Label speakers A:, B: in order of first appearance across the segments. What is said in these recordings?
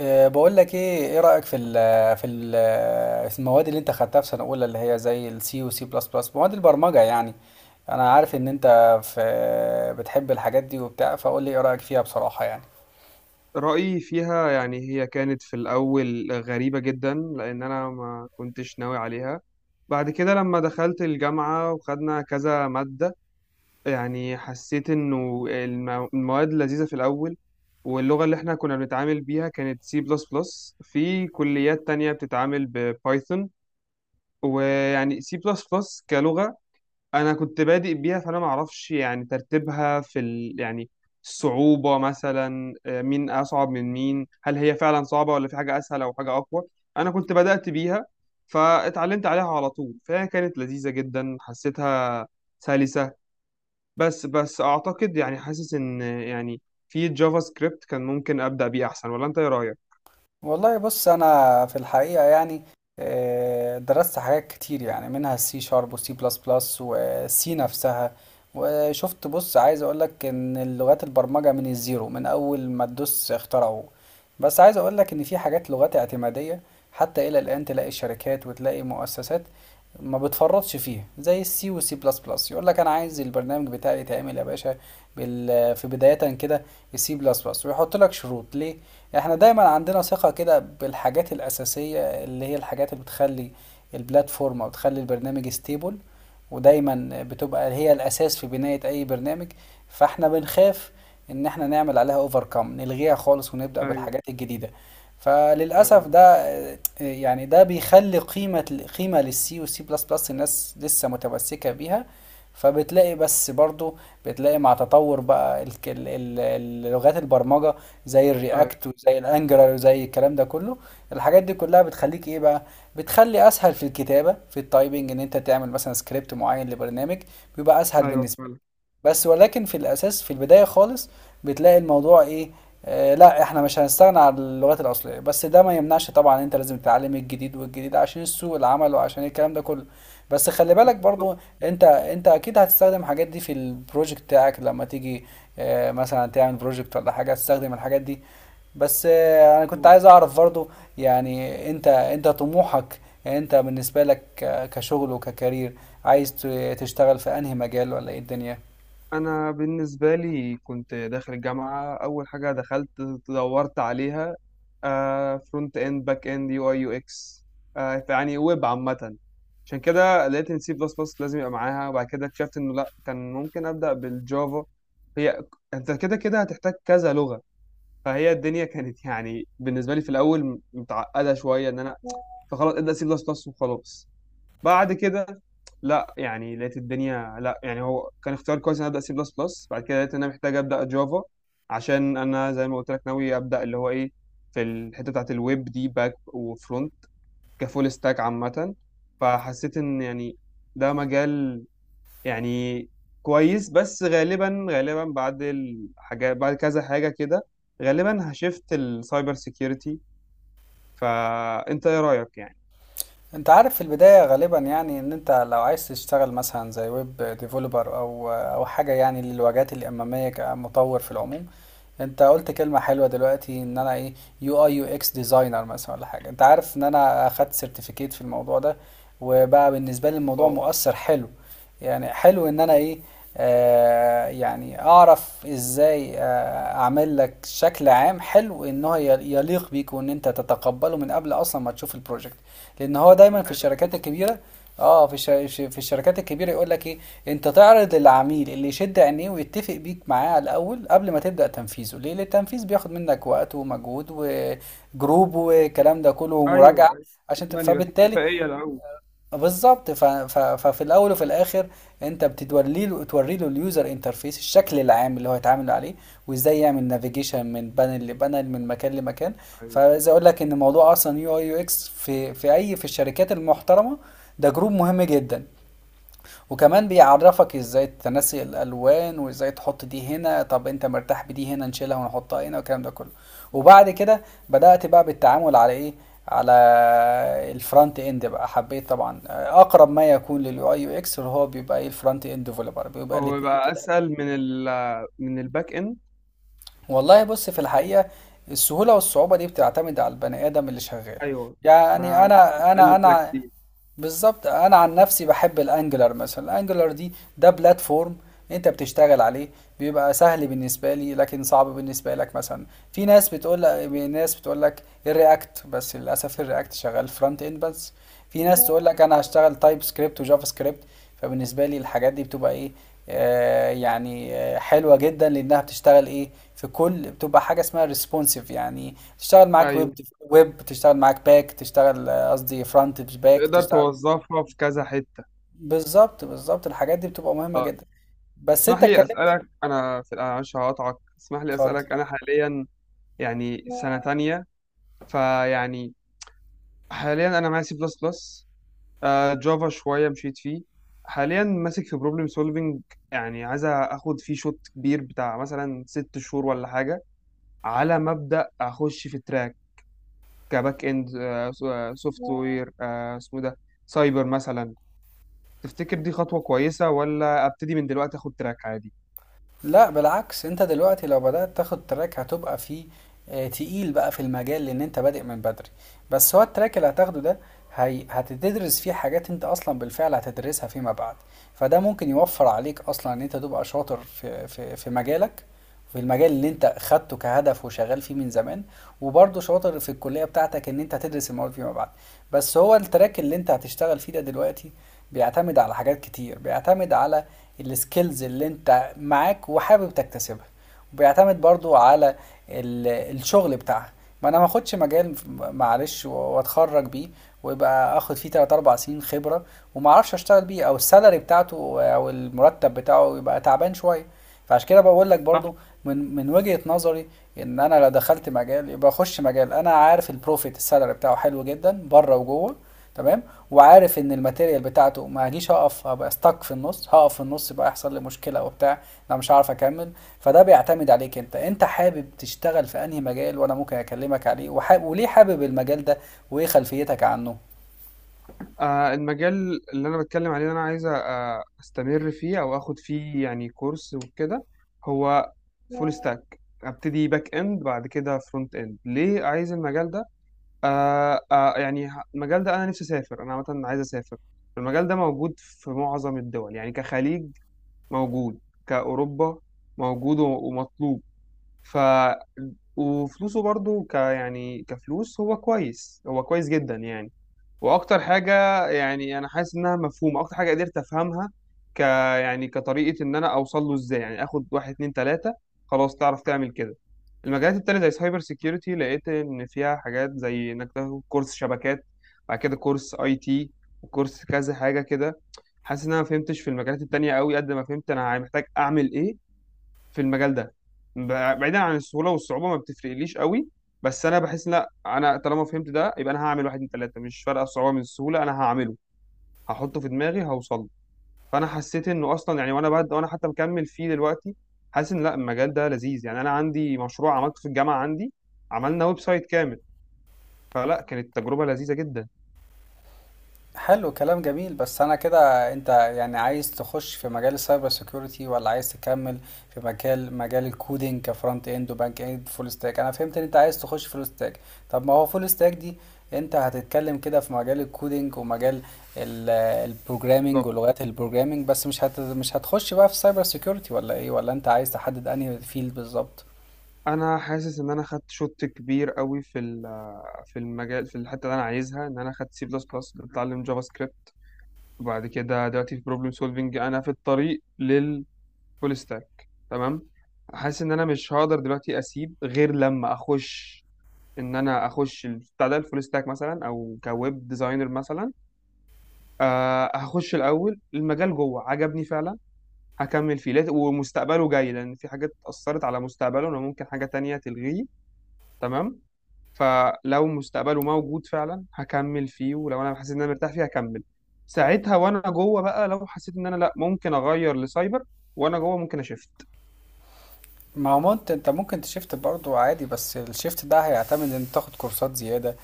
A: بقول لك ايه رأيك في المواد اللي انت خدتها في سنة اولى، اللي هي زي السي وسي بلس بلس، مواد البرمجة يعني. انا عارف ان انت في بتحب الحاجات دي وبتاع، فقول لي ايه رأيك فيها بصراحة يعني.
B: رأيي فيها يعني هي كانت في الأول غريبة جدا، لأن أنا ما كنتش ناوي عليها. بعد كده لما دخلت الجامعة وخدنا كذا مادة، يعني حسيت إنه المواد لذيذة في الأول. واللغة اللي إحنا كنا بنتعامل بيها كانت سي بلس بلس، في كليات تانية بتتعامل ببايثون. ويعني سي بلس بلس كلغة، انا كنت بادئ بيها، فانا ما اعرفش يعني ترتيبها يعني الصعوبة مثلا، مين اصعب من مين؟ هل هي فعلا صعبة ولا في حاجة اسهل او حاجة اقوى؟ انا كنت بدأت بيها، فاتعلمت عليها على طول، فهي كانت لذيذة جدا، حسيتها سلسة. بس اعتقد يعني حاسس ان يعني في جافا سكريبت كان ممكن ابدأ بيه احسن، ولا انت ايه رأيك؟
A: والله بص، انا في الحقيقه يعني درست حاجات كتير يعني منها السي شارب وسي بلس بلس وسي نفسها. وشفت، بص، عايز اقولك ان اللغات البرمجه من الزيرو، من اول ما تدوس اخترعوه. بس عايز اقولك ان في حاجات لغات اعتماديه، حتى الى الان تلاقي شركات وتلاقي مؤسسات ما بتفرطش فيها، زي السي والسي بلس بلس. يقول لك انا عايز البرنامج بتاعي يتعمل يا باشا في بدايه كده، السي بلس بلس، ويحط لك شروط ليه. احنا دايما عندنا ثقة كده بالحاجات الأساسية، اللي هي الحاجات اللي بتخلي البلاتفورم أو بتخلي البرنامج ستيبل، ودايما بتبقى هي الأساس في بناية أي برنامج. فاحنا بنخاف إن احنا نعمل عليها اوفركم، نلغيها خالص ونبدأ
B: ايوه،
A: بالحاجات الجديدة. فللأسف
B: ايوه،
A: ده يعني ده بيخلي قيمة قيمة للسي والسي بلس بلس، الناس لسه متمسكة بيها. فبتلاقي بس برضو، بتلاقي مع تطور بقى اللغات البرمجة، زي
B: ايوه،
A: الرياكت وزي الانجلر وزي الكلام ده كله. الحاجات دي كلها بتخليك ايه بقى؟ بتخلي اسهل في الكتابة في التايبنج، ان انت تعمل مثلا سكريبت معين لبرنامج، بيبقى اسهل
B: ايوه،
A: بالنسبة.
B: فعلا.
A: بس ولكن في الأساس في البداية خالص، بتلاقي الموضوع إيه؟ آه لا، إحنا مش هنستغنى عن اللغات الأصلية، بس ده ما يمنعش طبعا أنت لازم تتعلم الجديد والجديد عشان سوق العمل وعشان الكلام ده كله. بس خلي بالك برضو، أنت أنت أكيد هتستخدم الحاجات دي في البروجكت بتاعك لما تيجي آه مثلا تعمل بروجكت ولا حاجة، هتستخدم الحاجات دي. بس انا كنت عايز اعرف برضو، يعني انت طموحك، انت بالنسبة لك كشغل وككارير، عايز تشتغل في انهي مجال ولا ايه الدنيا؟
B: انا بالنسبه لي كنت داخل الجامعه، اول حاجه دخلت دورت عليها، فرونت اند، باك اند، UI UX، يعني ويب عامه. عشان كده لقيت ان سي بلس بلس لازم يبقى معاها، وبعد كده اكتشفت انه لا، كان ممكن ابدا بالجافا. هي انت كده كده هتحتاج كذا لغه، فهي الدنيا كانت يعني بالنسبه لي في الاول متعقده شويه، ان انا، فخلاص ابدا سي بلس بلس وخلاص. بعد كده لا يعني لقيت الدنيا، لا يعني هو كان اختيار كويس، ان أنا ابدا سي بلس بلس. بعد كده لقيت ان انا محتاج ابدا جافا، عشان انا زي ما قلت لك ناوي ابدا اللي هو ايه، في الحته بتاعت الويب دي، باك وفرونت، كفول ستاك عامه. فحسيت ان يعني ده مجال يعني كويس. بس غالبا غالبا بعد الحاجات، بعد كذا حاجه كده، غالبا هشفت السايبر سيكيورتي. فانت ايه رايك يعني؟
A: انت عارف في البداية غالبا، يعني ان انت لو عايز تشتغل مثلا زي ويب ديفلوبر او حاجة يعني للواجهات الامامية كمطور في العموم. انت قلت كلمة حلوة دلوقتي ان انا ايه، يو اي يو اكس ديزاينر مثلا ولا حاجة. انت عارف ان انا اخدت سيرتيفيكيت في الموضوع ده، وبقى بالنسبة لي الموضوع مؤثر حلو. يعني حلو ان انا ايه، يعني اعرف ازاي اعمل لك شكل عام حلو، ان هو يليق بيك وان انت تتقبله من قبل اصلا ما تشوف البروجكت. لان هو دايما في الشركات
B: اه،
A: الكبيره، اه في الش... في الشركات الكبيره يقول لك ايه، انت تعرض للعميل اللي يشد عينيه ويتفق بيك معاه على الاول قبل ما تبدا تنفيذه ليه، لأن التنفيذ بياخد منك وقت ومجهود وجروب والكلام ده كله ومراجعه،
B: ايوه، ايوه.
A: عشان
B: يعني يبقى في
A: فبالتالي
B: اتفاقيه الاول.
A: بالظبط ففي الاول وفي الاخر انت بتوري له اليوزر انترفيس، الشكل العام اللي هو هيتعامل عليه، وازاي يعمل نافيجيشن من بانل لبانل من مكان لمكان.
B: ايوه.
A: فعايز اقول لك ان موضوع اصلا يو اي يو اكس في الشركات المحترمه، ده جروب مهم جدا، وكمان بيعرفك ازاي تنسي الالوان وازاي تحط دي هنا، طب انت مرتاح بدي هنا نشيلها ونحطها هنا والكلام ده كله. وبعد كده بدأت بقى بالتعامل على ايه، على الفرونت اند بقى. حبيت طبعا اقرب ما يكون لليو اي يو اكس، اللي هو بيبقى ايه، الفرونت اند ديفلوبر، بيبقى
B: هو
A: الاتنين
B: يبقى
A: كده.
B: اسهل من الباك اند؟
A: والله بص في الحقيقة السهولة والصعوبة دي بتعتمد على البني آدم اللي شغال،
B: ايوه،
A: يعني
B: ما
A: أنا أنا
B: بتخلي كده
A: أنا
B: كتير.
A: بالظبط، انا عن نفسي بحب الانجلر مثلا. الانجلر دي ده بلاتفورم انت بتشتغل عليه، بيبقى سهل بالنسبه لي لكن صعب بالنسبه لك مثلا. في ناس بتقول لك ناس بتقول لك الرياكت، بس للاسف الرياكت شغال فرونت اند بس. في ناس تقول لك انا هشتغل تايب سكريبت وجافا سكريبت. فبالنسبه لي الحاجات دي بتبقى ايه، يعني حلوه جدا لانها بتشتغل ايه، في كل بتبقى حاجه اسمها ريسبونسيف، يعني تشتغل معاك ويب،
B: ايوه،
A: ويب تشتغل معاك باك، تشتغل قصدي فرونت باك
B: تقدر
A: تشتغل.
B: توظفها في كذا حته.
A: بالظبط الحاجات دي بتبقى مهمة جدا، بس
B: اسمح
A: انت
B: لي
A: اتكلمت.
B: اسالك انا في أنا معلش هقطعك، اسمح لي
A: اتفضل.
B: اسالك، انا حاليا يعني سنه تانية، فيعني حاليا انا معايا سي بلس بلس، جافا شويه مشيت فيه، حاليا ماسك في بروبلم سولفنج. يعني عايز اخد فيه شوط كبير بتاع مثلا 6 شهور ولا حاجه، على مبدأ اخش في تراك كباك اند، سوفت وير اسمه ده سايبر مثلا. تفتكر دي خطوة كويسة، ولا ابتدي من دلوقتي اخد تراك عادي؟
A: لا بالعكس، انت دلوقتي لو بدأت تاخد تراك هتبقى فيه تقيل بقى في المجال لان انت بادئ من بدري. بس هو التراك اللي هتاخده ده، هي هتدرس فيه حاجات انت اصلا بالفعل هتدرسها فيما بعد، فده ممكن يوفر عليك اصلا ان انت تبقى شاطر في في مجالك، في المجال اللي انت خدته كهدف وشغال فيه من زمان، وبرضه شاطر في الكلية بتاعتك ان انت تدرس المواد فيما بعد. بس هو التراك اللي انت هتشتغل فيه ده دلوقتي بيعتمد على حاجات كتير، بيعتمد على السكيلز اللي انت معاك وحابب تكتسبها، وبيعتمد برضو على الشغل بتاعها. ما انا ما اخدش مجال معلش واتخرج بيه ويبقى اخد فيه 3 4 سنين خبره وما اعرفش اشتغل بيه، او السالري بتاعته او المرتب بتاعه يبقى تعبان شويه. فعشان كده بقول لك
B: صح.
A: برضو، من وجهة نظري، ان انا لو دخلت مجال يبقى اخش مجال انا عارف البروفيت السالري بتاعه حلو جدا بره وجوه، تمام، وعارف ان الماتيريال بتاعته ما هجيش هقف هبقى ستك في النص، هقف في النص يبقى يحصل لي مشكله وبتاع، انا مش هعرف اكمل. فده بيعتمد عليك انت، انت حابب تشتغل في انهي مجال وانا ممكن اكلمك عليه، وحاب، وليه حابب المجال ده، وايه خلفيتك عنه.
B: المجال اللي انا بتكلم عليه، اللي انا عايز استمر فيه او اخد فيه يعني كورس وكده، هو فول ستاك. ابتدي باك اند بعد كده فرونت اند. ليه عايز المجال ده؟ يعني المجال ده انا نفسي اسافر، انا عامه عايز اسافر. المجال ده موجود في معظم الدول، يعني كخليج موجود، كأوروبا موجود ومطلوب. ف وفلوسه برضو، يعني كفلوس، هو كويس، هو كويس جدا يعني. واكتر حاجه، يعني انا حاسس انها مفهومه، اكتر حاجه قدرت افهمها ك يعني كطريقه، ان انا اوصل له ازاي، يعني اخد واحد اتنين تلاته، خلاص تعرف تعمل كده. المجالات التانية زي سايبر سيكيورتي، لقيت ان فيها حاجات زي انك تاخد كورس شبكات، بعد كده كورس IT، وكورس كذا حاجه كده. حاسس ان انا ما فهمتش في المجالات التانية قوي قد ما فهمت انا محتاج اعمل ايه في المجال ده، بعيدا عن السهوله والصعوبه ما بتفرقليش قوي. بس انا بحس لا، انا طالما فهمت ده يبقى انا هعمل واحد اتنين تلاته، مش فارقه الصعوبه من السهوله، انا هعمله، هحطه في دماغي، هوصل له. فانا حسيت انه اصلا يعني وانا حتى مكمل فيه دلوقتي، حاسس ان لا، المجال ده لذيذ. يعني انا عندي مشروع عملته في الجامعه عندي، عملنا ويب سايت كامل، فلا كانت تجربه لذيذه جدا.
A: حلو كلام جميل. بس انا كده انت يعني عايز تخش في مجال السايبر سيكيورتي ولا عايز تكمل في مجال الكودينج كفرونت اند وباك اند فول ستاك؟ انا فهمت ان انت عايز تخش فول ستاك. طب ما هو فول ستاك دي، انت هتتكلم كده في مجال الكودينج ومجال البروجرامينج
B: بالظبط.
A: ولغات البروجرامينج بس مش هتخش بقى في سايبر سيكيورتي ولا ايه، ولا انت عايز تحدد انهي فيلد بالظبط؟
B: انا حاسس ان انا خدت شوت كبير قوي في المجال، في الحته اللي انا عايزها، ان انا خدت سي بلس بلس، بتعلم جافا سكريبت، وبعد كده دلوقتي في بروبلم سولفنج انا في الطريق للفول ستاك، تمام. حاسس ان انا مش هقدر دلوقتي اسيب غير لما اخش، ان انا اخش بتاع ده الفول ستاك مثلا او كويب ديزاينر مثلا. هخش الاول المجال، جوه عجبني فعلا، هكمل فيه ومستقبله جاي، لان في حاجات اثرت على مستقبله، انا ممكن حاجه تانية تلغيه. تمام. فلو مستقبله موجود فعلا هكمل فيه، ولو انا حسيت ان انا مرتاح فيه هكمل. ساعتها وانا جوه بقى، لو حسيت ان انا لا، ممكن اغير لسايبر، وانا جوه ممكن اشفت.
A: ما هو انت ممكن تشيفت برضو عادي، بس الشيفت ده هيعتمد ان تاخد كورسات زيادة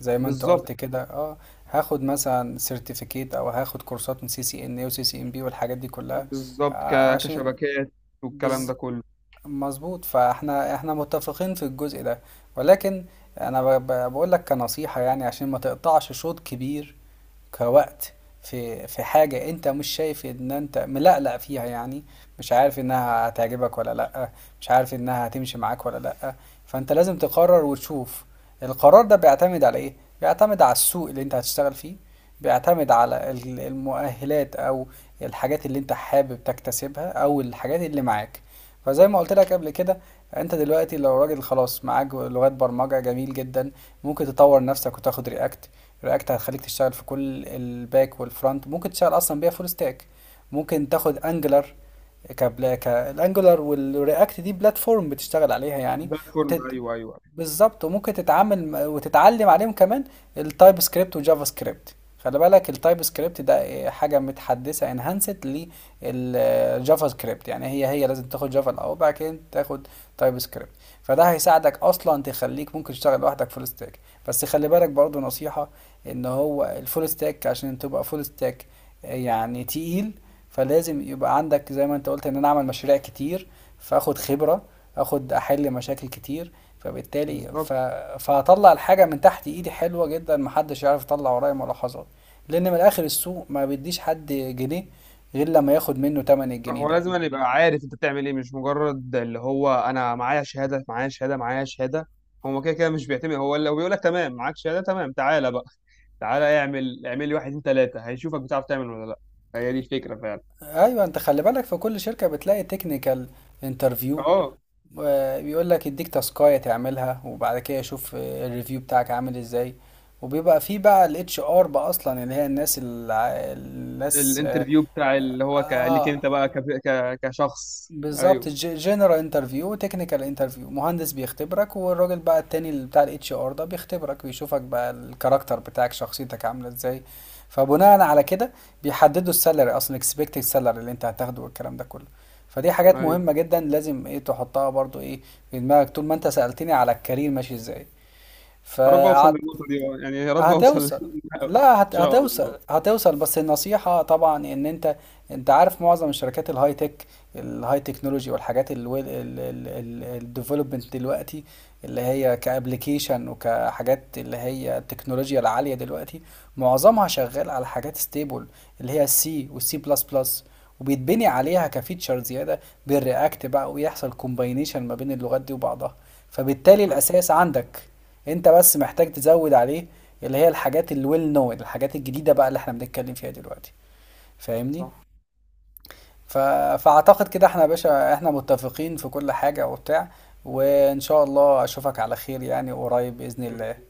A: زي ما انت قلت
B: بالظبط،
A: كده، اه. هاخد مثلا سيرتيفيكيت او هاخد كورسات من سي سي ان اي وسي سي ام بي والحاجات دي كلها،
B: بالظبط.
A: عشان
B: كشبكات، والكلام ده
A: بز...
B: كله.
A: مظبوط. فاحنا احنا متفقين في الجزء ده، ولكن انا بقول لك كنصيحة، يعني عشان ما تقطعش شوط كبير كوقت في حاجة انت مش شايف ان انت ملقلق فيها، يعني مش عارف انها هتعجبك ولا لأ، مش عارف انها هتمشي معاك ولا لأ. فانت لازم تقرر وتشوف. القرار ده بيعتمد على ايه؟ بيعتمد على السوق اللي انت هتشتغل فيه، بيعتمد على المؤهلات او الحاجات اللي انت حابب تكتسبها او الحاجات اللي معاك. فزي ما قلت لك قبل كده، انت دلوقتي لو راجل خلاص معاك لغات برمجة جميل جدا، ممكن تطور نفسك وتاخد رياكت. رياكت هتخليك تشتغل في كل الباك والفرونت، ممكن تشتغل اصلا بيها فول ستاك. ممكن تاخد انجلر، كبلا كالانجلر، والرياكت دي بلاتفورم بتشتغل عليها يعني.
B: بلاتفورم، ايوه،
A: وتت...
B: ايوه، أيوه.
A: بالظبط، وممكن تتعامل وتتعلم عليهم كمان التايب سكريبت وجافا سكريبت. خلي بالك التايب سكريبت ده إيه، حاجة متحدثة انهانست للجافا سكريبت، يعني هي لازم تاخد جافا الأول وبعد كده تاخد تايب سكريبت. فده هيساعدك أصلا تخليك ممكن تشتغل لوحدك فول ستاك. بس خلي بالك برضو نصيحة ان هو الفول ستاك عشان تبقى فول ستاك يعني تقيل، فلازم يبقى عندك زي ما انت قلت ان انا اعمل مشاريع كتير، فاخد خبرة، اخد احل مشاكل كتير. فبالتالي
B: بالظبط.
A: فهطلع الحاجة من تحت ايدي حلوة جدا، محدش يعرف يطلع ورايا ملاحظات، لان من الاخر السوق ما بيديش حد جنيه غير لما ياخد منه تمن الجنيه
B: هو
A: ده.
B: لازم أن يبقى عارف انت بتعمل ايه، مش مجرد اللي هو انا معايا شهاده، معايا شهاده، معايا شهاده. هو كده كده مش بيعتمد، هو لو بيقول لك تمام معاك شهاده، تمام تعالى بقى، تعالى اعمل، اعمل لي واحد اتنين تلاته، هيشوفك بتعرف تعمل ولا لا. هي دي الفكره فعلا.
A: ايوه، انت خلي بالك في كل شركة بتلاقي تكنيكال انترفيو،
B: اه،
A: بيقول لك يديك تاسكاية تعملها وبعد كده يشوف الريفيو بتاعك عامل ازاي. وبيبقى فيه بقى الاتش ار، بقى اصلا اللي هي الناس
B: الانترفيو بتاع، اللي هو ليك
A: آه،
B: انت بقى، كشخص،
A: بالظبط.
B: ايوه،
A: جنرال انترفيو وتكنيكال انترفيو، مهندس بيختبرك، والراجل بقى التاني اللي بتاع الاتش ار ده بيختبرك ويشوفك بقى الكاركتر بتاعك شخصيتك عامله ازاي. فبناء على كده بيحددوا السالري، اصلا اكسبكتد سالري اللي انت هتاخده والكلام ده كله. فدي حاجات
B: ايوه.
A: مهمه جدا لازم ايه تحطها برضو ايه في دماغك، طول ما انت سألتني على الكارير ماشي ازاي،
B: يا رب اوصل
A: فقعدت.
B: للنقطه دي يعني يا رب اوصل
A: هتوصل،
B: للنقطة دي.
A: لا
B: ان شاء
A: هتوصل
B: الله.
A: هتوصل بس النصيحة طبعا ان انت، انت عارف معظم الشركات الهاي تك، الهاي تكنولوجي والحاجات الديفلوبمنت دلوقتي، اللي هي كابليكيشن وكحاجات اللي هي التكنولوجيا العالية دلوقتي، معظمها شغال على حاجات ستيبل اللي هي السي والسي بلس بلس، وبيتبني عليها كفيتشر زيادة بالرياكت بقى، ويحصل كومباينيشن ما بين اللغات دي وبعضها. فبالتالي الأساس عندك، انت بس محتاج تزود عليه اللي هي الحاجات الويل نون، الحاجات الجديدة بقى اللي احنا بنتكلم فيها دلوقتي. فاهمني، ف... فأعتقد كده احنا يا باشا احنا متفقين في كل حاجة وبتاع، وإن شاء الله أشوفك على خير يعني قريب بإذن
B: صح.
A: الله.